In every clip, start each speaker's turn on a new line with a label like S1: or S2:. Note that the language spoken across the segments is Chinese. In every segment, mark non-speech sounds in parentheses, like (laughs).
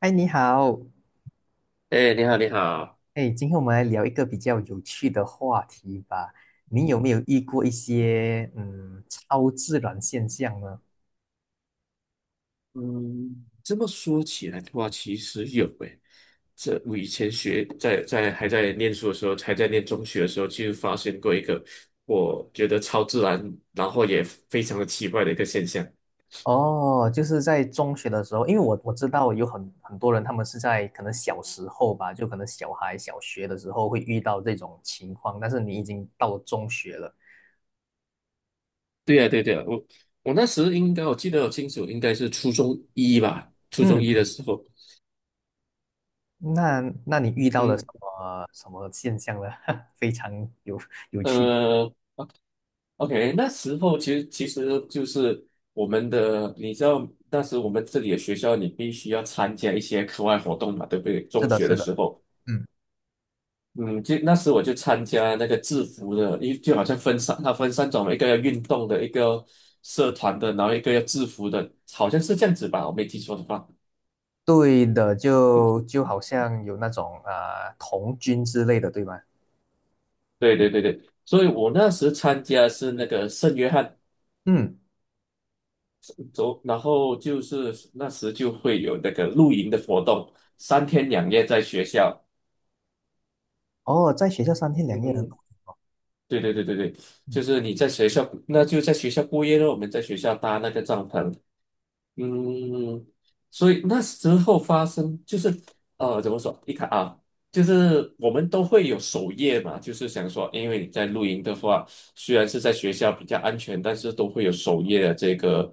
S1: 嗨，你好。
S2: 哎，你好，你好。
S1: 哎，今天我们来聊一个比较有趣的话题吧。你有没有遇过一些超自然现象呢？
S2: 嗯，这么说起来的话，其实有诶。这我以前学在还在念书的时候，还在念中学的时候，就发现过一个我觉得超自然，然后也非常的奇怪的一个现象。
S1: 哦，就是在中学的时候，因为我知道有很多人，他们是在可能小时候吧，就可能小孩小学的时候会遇到这种情况，但是你已经到了中学了。
S2: 对呀，对对呀，我那时应该我记得很清楚，应该是初中一吧，初中
S1: 嗯，
S2: 一的时候，
S1: 那那你遇到了什
S2: 嗯
S1: 么什么现象呢？(laughs) 非常有有趣。
S2: 呃，OK，那时候其实就是我们的，你知道，当时我们这里的学校，你必须要参加一些课外活动嘛，对不对？
S1: 是
S2: 中
S1: 的，
S2: 学
S1: 是
S2: 的
S1: 的，
S2: 时候，
S1: 嗯。
S2: 嗯，就那时我就参加那个制服的，因为就好像分三，它分三种，一个要运动的，一个社团的，然后一个要制服的，好像是这样子吧，我没记错的话。
S1: 对的，就好像有那种童军之类的，对吗？
S2: 对对对对，所以我那时参加是那个圣约翰
S1: 嗯。
S2: 走，然后就是那时就会有那个露营的活动，三天两夜在学校。
S1: 哦，在学校三天两夜的，
S2: 嗯，对对对对对，就
S1: 嗯
S2: 是你在学校，那就在学校过夜了。我们在学校搭那个帐篷，嗯，所以那时候发生就是怎么说？你看啊，就是我们都会有守夜嘛，就是想说，因为你在露营的话，虽然是在学校比较安全，但是都会有守夜的这个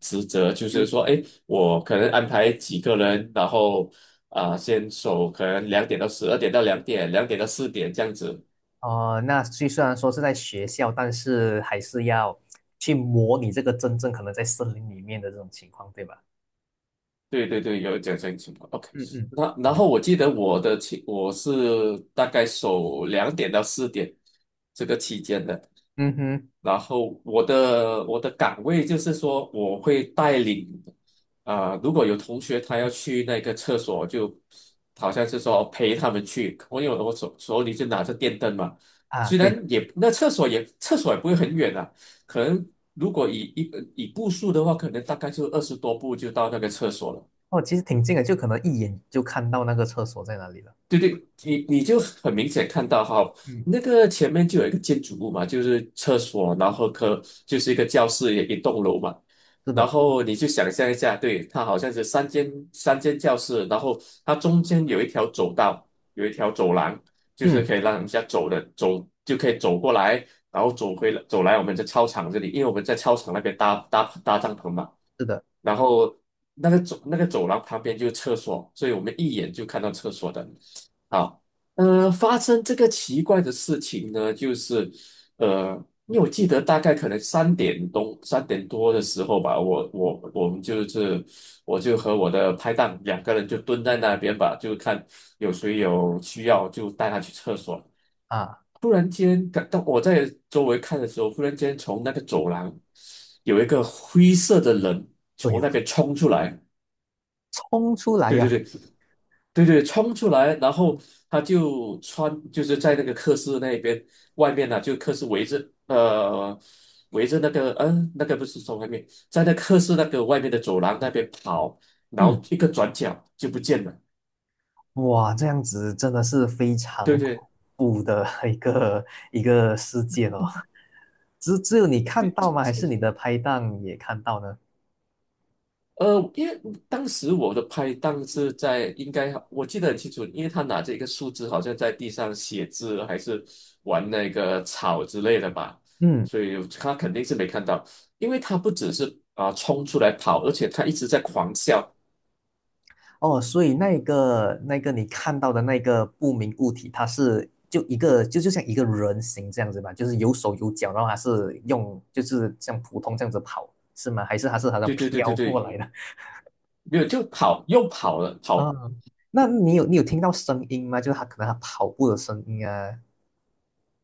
S2: 职责，就
S1: 就
S2: 是说，哎，我可能安排几个人，然后先守，可能两点到十二点到两点，两点到四点这样子。
S1: 呃，那虽然说是在学校，但是还是要去模拟这个真正可能在森林里面的这种情况，对吧？
S2: 对对对，有这种情况。OK,
S1: 嗯嗯。
S2: 那然后我记得我的期我是大概守两点到四点这个期间的，
S1: 嗯哼。
S2: 然后我的岗位就是说我会带领如果有同学他要去那个厕所，就好像是说陪他们去，我有我手里就拿着电灯嘛，
S1: 啊，
S2: 虽
S1: 对的。
S2: 然也那厕所也不会很远啊，可能如果以一以步数的话，可能大概就二十多步就到那个厕所了。
S1: 哦，其实挺近的，就可能一眼就看到那个厕所在哪里了。
S2: 对对，你你就很明显看到哈，
S1: 嗯。
S2: 那个前面就有一个建筑物嘛，就是厕所，然后科就是一个教室，也一栋楼嘛。
S1: 是
S2: 然
S1: 的。
S2: 后你就想象一下，对，它好像是三间教室，然后它中间有一条走道，有一条走廊，就是
S1: 嗯。
S2: 可以让人家走的，走就可以走过来，然后走回走来我们在操场这里，因为我们在操场那边搭帐篷嘛。
S1: 是的。
S2: 然后那个走廊旁边就是厕所，所以我们一眼就看到厕所的。好，发生这个奇怪的事情呢，就是呃，因为我记得大概可能三点多的时候吧，我们就是我就和我的拍档两个人就蹲在那边吧，就看有谁有需要就带他去厕所。
S1: 啊，
S2: 忽然间感到我在周围看的时候，忽然间从那个走廊有一个灰色的人
S1: 对
S2: 从
S1: 哦，
S2: 那边冲出来，
S1: 冲出来
S2: 对对
S1: 呀。
S2: 对，对,冲出来，然后他就穿就是在那个课室那边外面呢、就课室围着围着那个那个不是从外面，在那课室那个外面的走廊那边跑，然后
S1: 嗯，
S2: 一个转角就不见了，
S1: 哇，这样子真的是非
S2: 对
S1: 常恐
S2: 对
S1: 怖的 (laughs) 一个事件哦。只有你看
S2: 对，
S1: 到吗？还是你的拍档也看到呢？
S2: 因为当时我的拍档是在，应该我记得很清楚，因为他拿着一个树枝，好像在地上写字，还是玩那个草之类的吧，
S1: 嗯。
S2: 所以他肯定是没看到，因为他不只是冲出来跑，而且他一直在狂笑，
S1: 哦，所以那个你看到的那个不明物体，它是就像一个人形这样子吧，就是有手有脚，然后它是用就是像普通这样子跑，是吗？还是它是好像
S2: 对对对对
S1: 飘过
S2: 对，
S1: 来的？
S2: 没有就跑又跑了，
S1: (laughs) 啊，
S2: 跑
S1: 那你有听到声音吗？就是它可能它跑步的声音啊。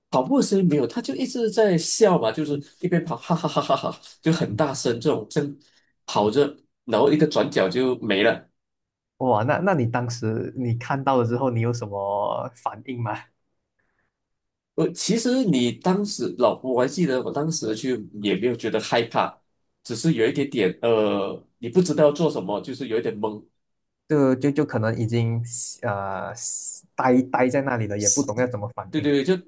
S2: 跑步的声音没有，他就一直在笑嘛，就是一边跑哈哈哈哈哈，就很大声这种正跑着，然后一个转角就没了。
S1: 哇，那那你当时你看到了之后，你有什么反应吗？(laughs)
S2: 我其实你当时老婆，我还记得我当时就也没有觉得害怕，只是有一点点你不知道做什么，就是有一点懵。
S1: 就可能已经呃呆呆在那里了，也不懂要怎么反
S2: 对对
S1: 应。
S2: 对，就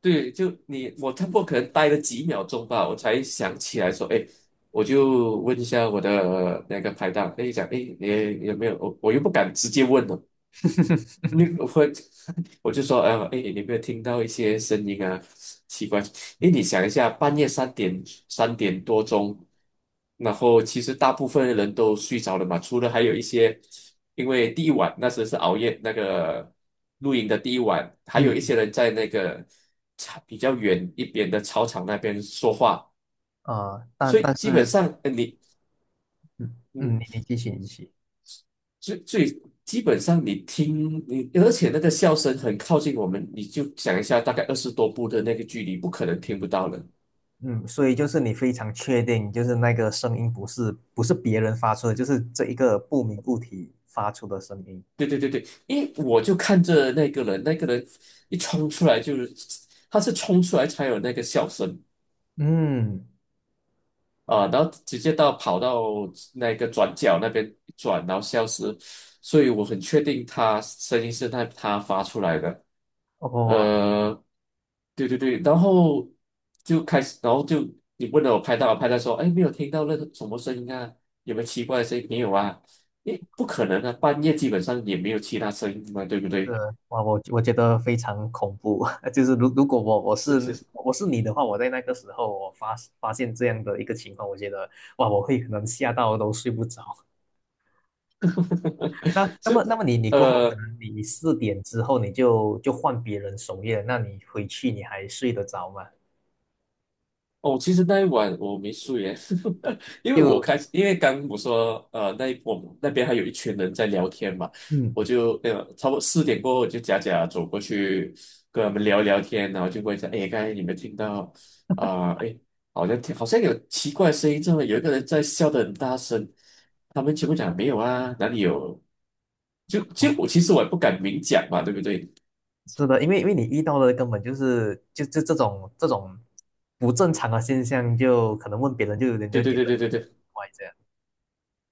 S2: 对，就你我差不多可能待了几秒钟吧，我才想起来说，哎，我就问一下我的那个拍档，哎，讲，哎，你有没有？我又不敢直接问了。
S1: (laughs)
S2: 你会，(laughs) 我就说，哎，你有没有听到一些声音啊？奇怪，哎，你想一下，半夜三点三点多钟，然后其实大部分人都睡着了嘛，除了还有一些，因为第一晚那时候是熬夜那个露营的第一晚，还有一
S1: 嗯。
S2: 些人在那个草比较远一边的操场那边说话，
S1: 啊，
S2: 所
S1: 但
S2: 以
S1: 但
S2: 基本
S1: 是。
S2: 上，你。
S1: 嗯嗯，你
S2: 嗯
S1: 你继续你继续。
S2: 最最基本上你听你，而且那个笑声很靠近我们，你就想一下，大概二十多步的那个距离，不可能听不到了。
S1: 嗯，所以就是你非常确定，就是那个声音不是别人发出的，就是这一个不明物体发出的声音。
S2: 对对对对，因为我就看着那个人，那个人一冲出来就是，他是冲出来才有那个笑声
S1: 嗯。
S2: 啊，然后直接到跑到那个转角那边一转，然后消失，所以我很确定他声音是他发出来的。
S1: 哇。
S2: 呃，对对对，然后就开始，然后就你问了我拍到，我拍到说，哎，没有听到那个什么声音啊，有没有奇怪的声音？没有啊，诶，不可能啊，半夜基本上也没有其他声音嘛，对不
S1: 是。
S2: 对？
S1: 哇，我我觉得非常恐怖。(laughs) 就是如果我
S2: 是
S1: 是
S2: 是是，
S1: 我是你的话，我在那个时候我发现这样的一个情况，我觉得哇，我会可能吓到都睡不着。(laughs) 那
S2: (laughs)
S1: 那么
S2: 是，
S1: 那么你你过后可
S2: 呃。
S1: 能你4点之后你就换别人守夜了，那你回去你还睡得着吗？
S2: 哦，其实那一晚我没睡耶，(laughs) 因为我
S1: 就
S2: 开始，因为刚我说，那一我们那边还有一群人在聊天嘛，
S1: 嗯，
S2: 我就差不多四点过后，我就假假走过去跟他们聊聊天，然后就问一下，哎，刚才你们听到啊，好像听好像有奇怪的声音，这么有一个人在笑的很大声，他们全部讲没有啊，哪里有？就就我
S1: 哦。
S2: 其实我也不敢明讲嘛，对不对？
S1: 是的，因为因为你遇到的根本就是就这种这种不正常的现象，就可能问别人就人
S2: 对
S1: 家
S2: 对
S1: 觉
S2: 对
S1: 得
S2: 对
S1: 你
S2: 对
S1: 很
S2: 对，
S1: 怪这样。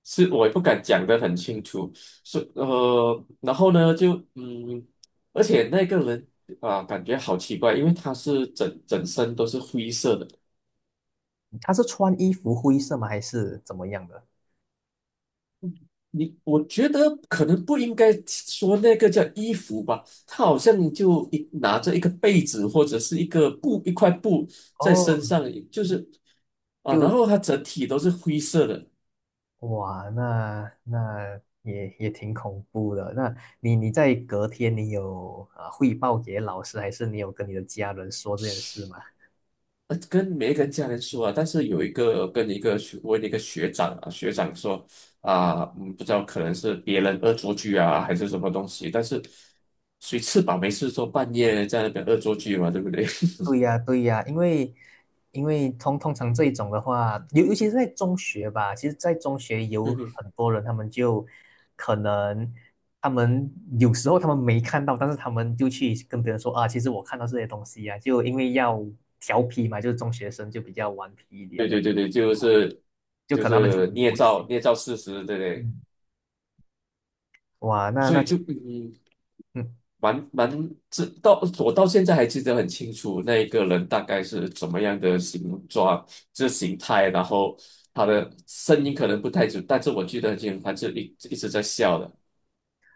S2: 是我也不敢讲得很清楚，是然后呢，就而且那个人啊，感觉好奇怪，因为他是整整身都是灰色的。
S1: 他是穿衣服灰色吗？还是怎么样的？
S2: 你我觉得可能不应该说那个叫衣服吧，他好像就一拿着一个被子或者是一个布一块布在身
S1: 哦。
S2: 上，就是啊，然后他整体都是灰色的，
S1: 哇，那那也也挺恐怖的。那你你在隔天你有啊汇报给老师，还是你有跟你的家人说这件事吗？
S2: 跟没跟家人说啊，但是有一个跟一个学问一个学长啊，学长说啊，嗯，不知道可能是别人恶作剧啊，还是什么东西，但是谁吃饱没事做，半夜在那边恶作剧嘛，对不对？
S1: 对呀，对呀。因为因为通常这一种的话，尤其是在中学吧，其实在中学
S2: (laughs)
S1: 有
S2: 嗯
S1: 很
S2: 哼
S1: 多人，他们就可能他们有时候他们没看到，但是他们就去跟别人说啊，其实我看到这些东西啊，就因为要调皮嘛，就是中学生就比较顽皮一点，
S2: 对对对对，就是
S1: 就
S2: 就
S1: 可能他们就
S2: 是
S1: 不
S2: 捏
S1: 不会
S2: 造
S1: 信。
S2: 捏造事实，对不对？
S1: 嗯，哇，那
S2: 所
S1: 那
S2: 以
S1: 其
S2: 就嗯，
S1: 嗯。
S2: 蛮蛮知到我到现在还记得很清楚，那一个人大概是怎么样的形状，这形态，然后他的声音可能不太准，但是我记得很清楚，他是一直在笑的。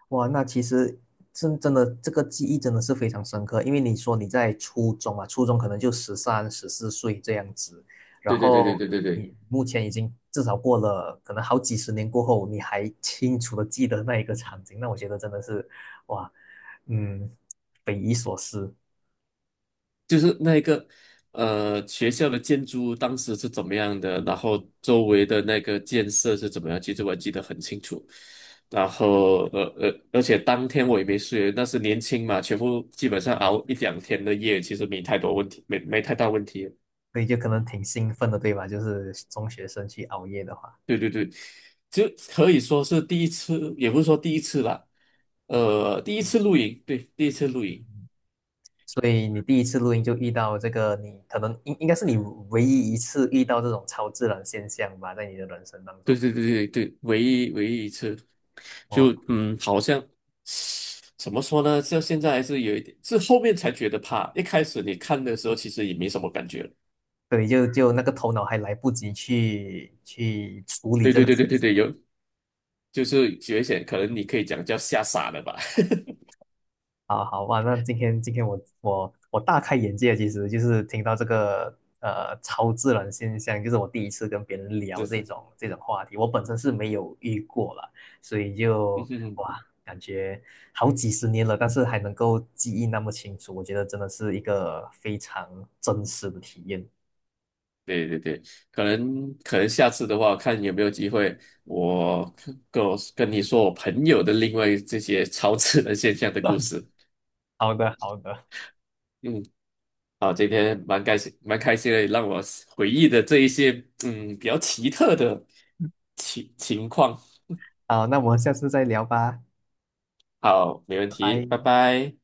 S1: 哇，那其实真的这个记忆真的是非常深刻，因为你说你在初中啊，初中可能就13、14岁这样子，然
S2: 对对对对
S1: 后
S2: 对对对。
S1: 你目前已经至少过了可能好几十年过后，你还清楚的记得那一个场景，那我觉得真的是哇，嗯，匪夷所思。
S2: 就是那个学校的建筑物当时是怎么样的，然后周围的那个建设是怎么样，其实我记得很清楚。然后而且当天我也没睡，那是年轻嘛，全部基本上熬一两天的夜，其实没太多问题，没没太大问题。
S1: 所以就可能挺兴奋的，对吧？就是中学生去熬夜的话。
S2: 对对对，就可以说是第一次，也不是说第一次啦，第一次露营，对，第一次露营。
S1: 所以你第一次录音就遇到这个你，可能应该是你唯一一次遇到这种超自然现象吧，在你的人生当
S2: 对
S1: 中。
S2: 对对对对，唯一一次，就
S1: 哇。
S2: 嗯，好像怎么说呢？这现在还是有一点，是后面才觉得怕。一开始你看的时候，其实也没什么感觉。
S1: 对，就就那个头脑还来不及去处理
S2: 对
S1: 这
S2: 对
S1: 个。
S2: 对对对对，有就是觉醒，可能你可以讲叫吓傻了吧，(laughs)
S1: 好好哇，那今天今天我大开眼界，其实就是听到这个超自然现象，就是我第一次跟别人聊
S2: 就
S1: 这
S2: 是。
S1: 种这种话题，我本身是没有遇过了，所以
S2: 嗯
S1: 就
S2: 哼哼，
S1: 哇，感觉好几十年了，但是还能够记忆那么清楚，我觉得真的是一个非常真实的体验。
S2: 对对对，可能可能下次的话，看有没有机会，我我跟你说我朋友的另外这些 (laughs) 超自然现象的故
S1: (laughs)
S2: 事。
S1: 好的，好的。
S2: 嗯。啊，今天蛮开心，蛮开心的，让我回忆的这一些嗯比较奇特的情况。
S1: 好，那我们下次再聊吧。
S2: 好，没问
S1: 拜
S2: 题，拜
S1: 拜。
S2: 拜。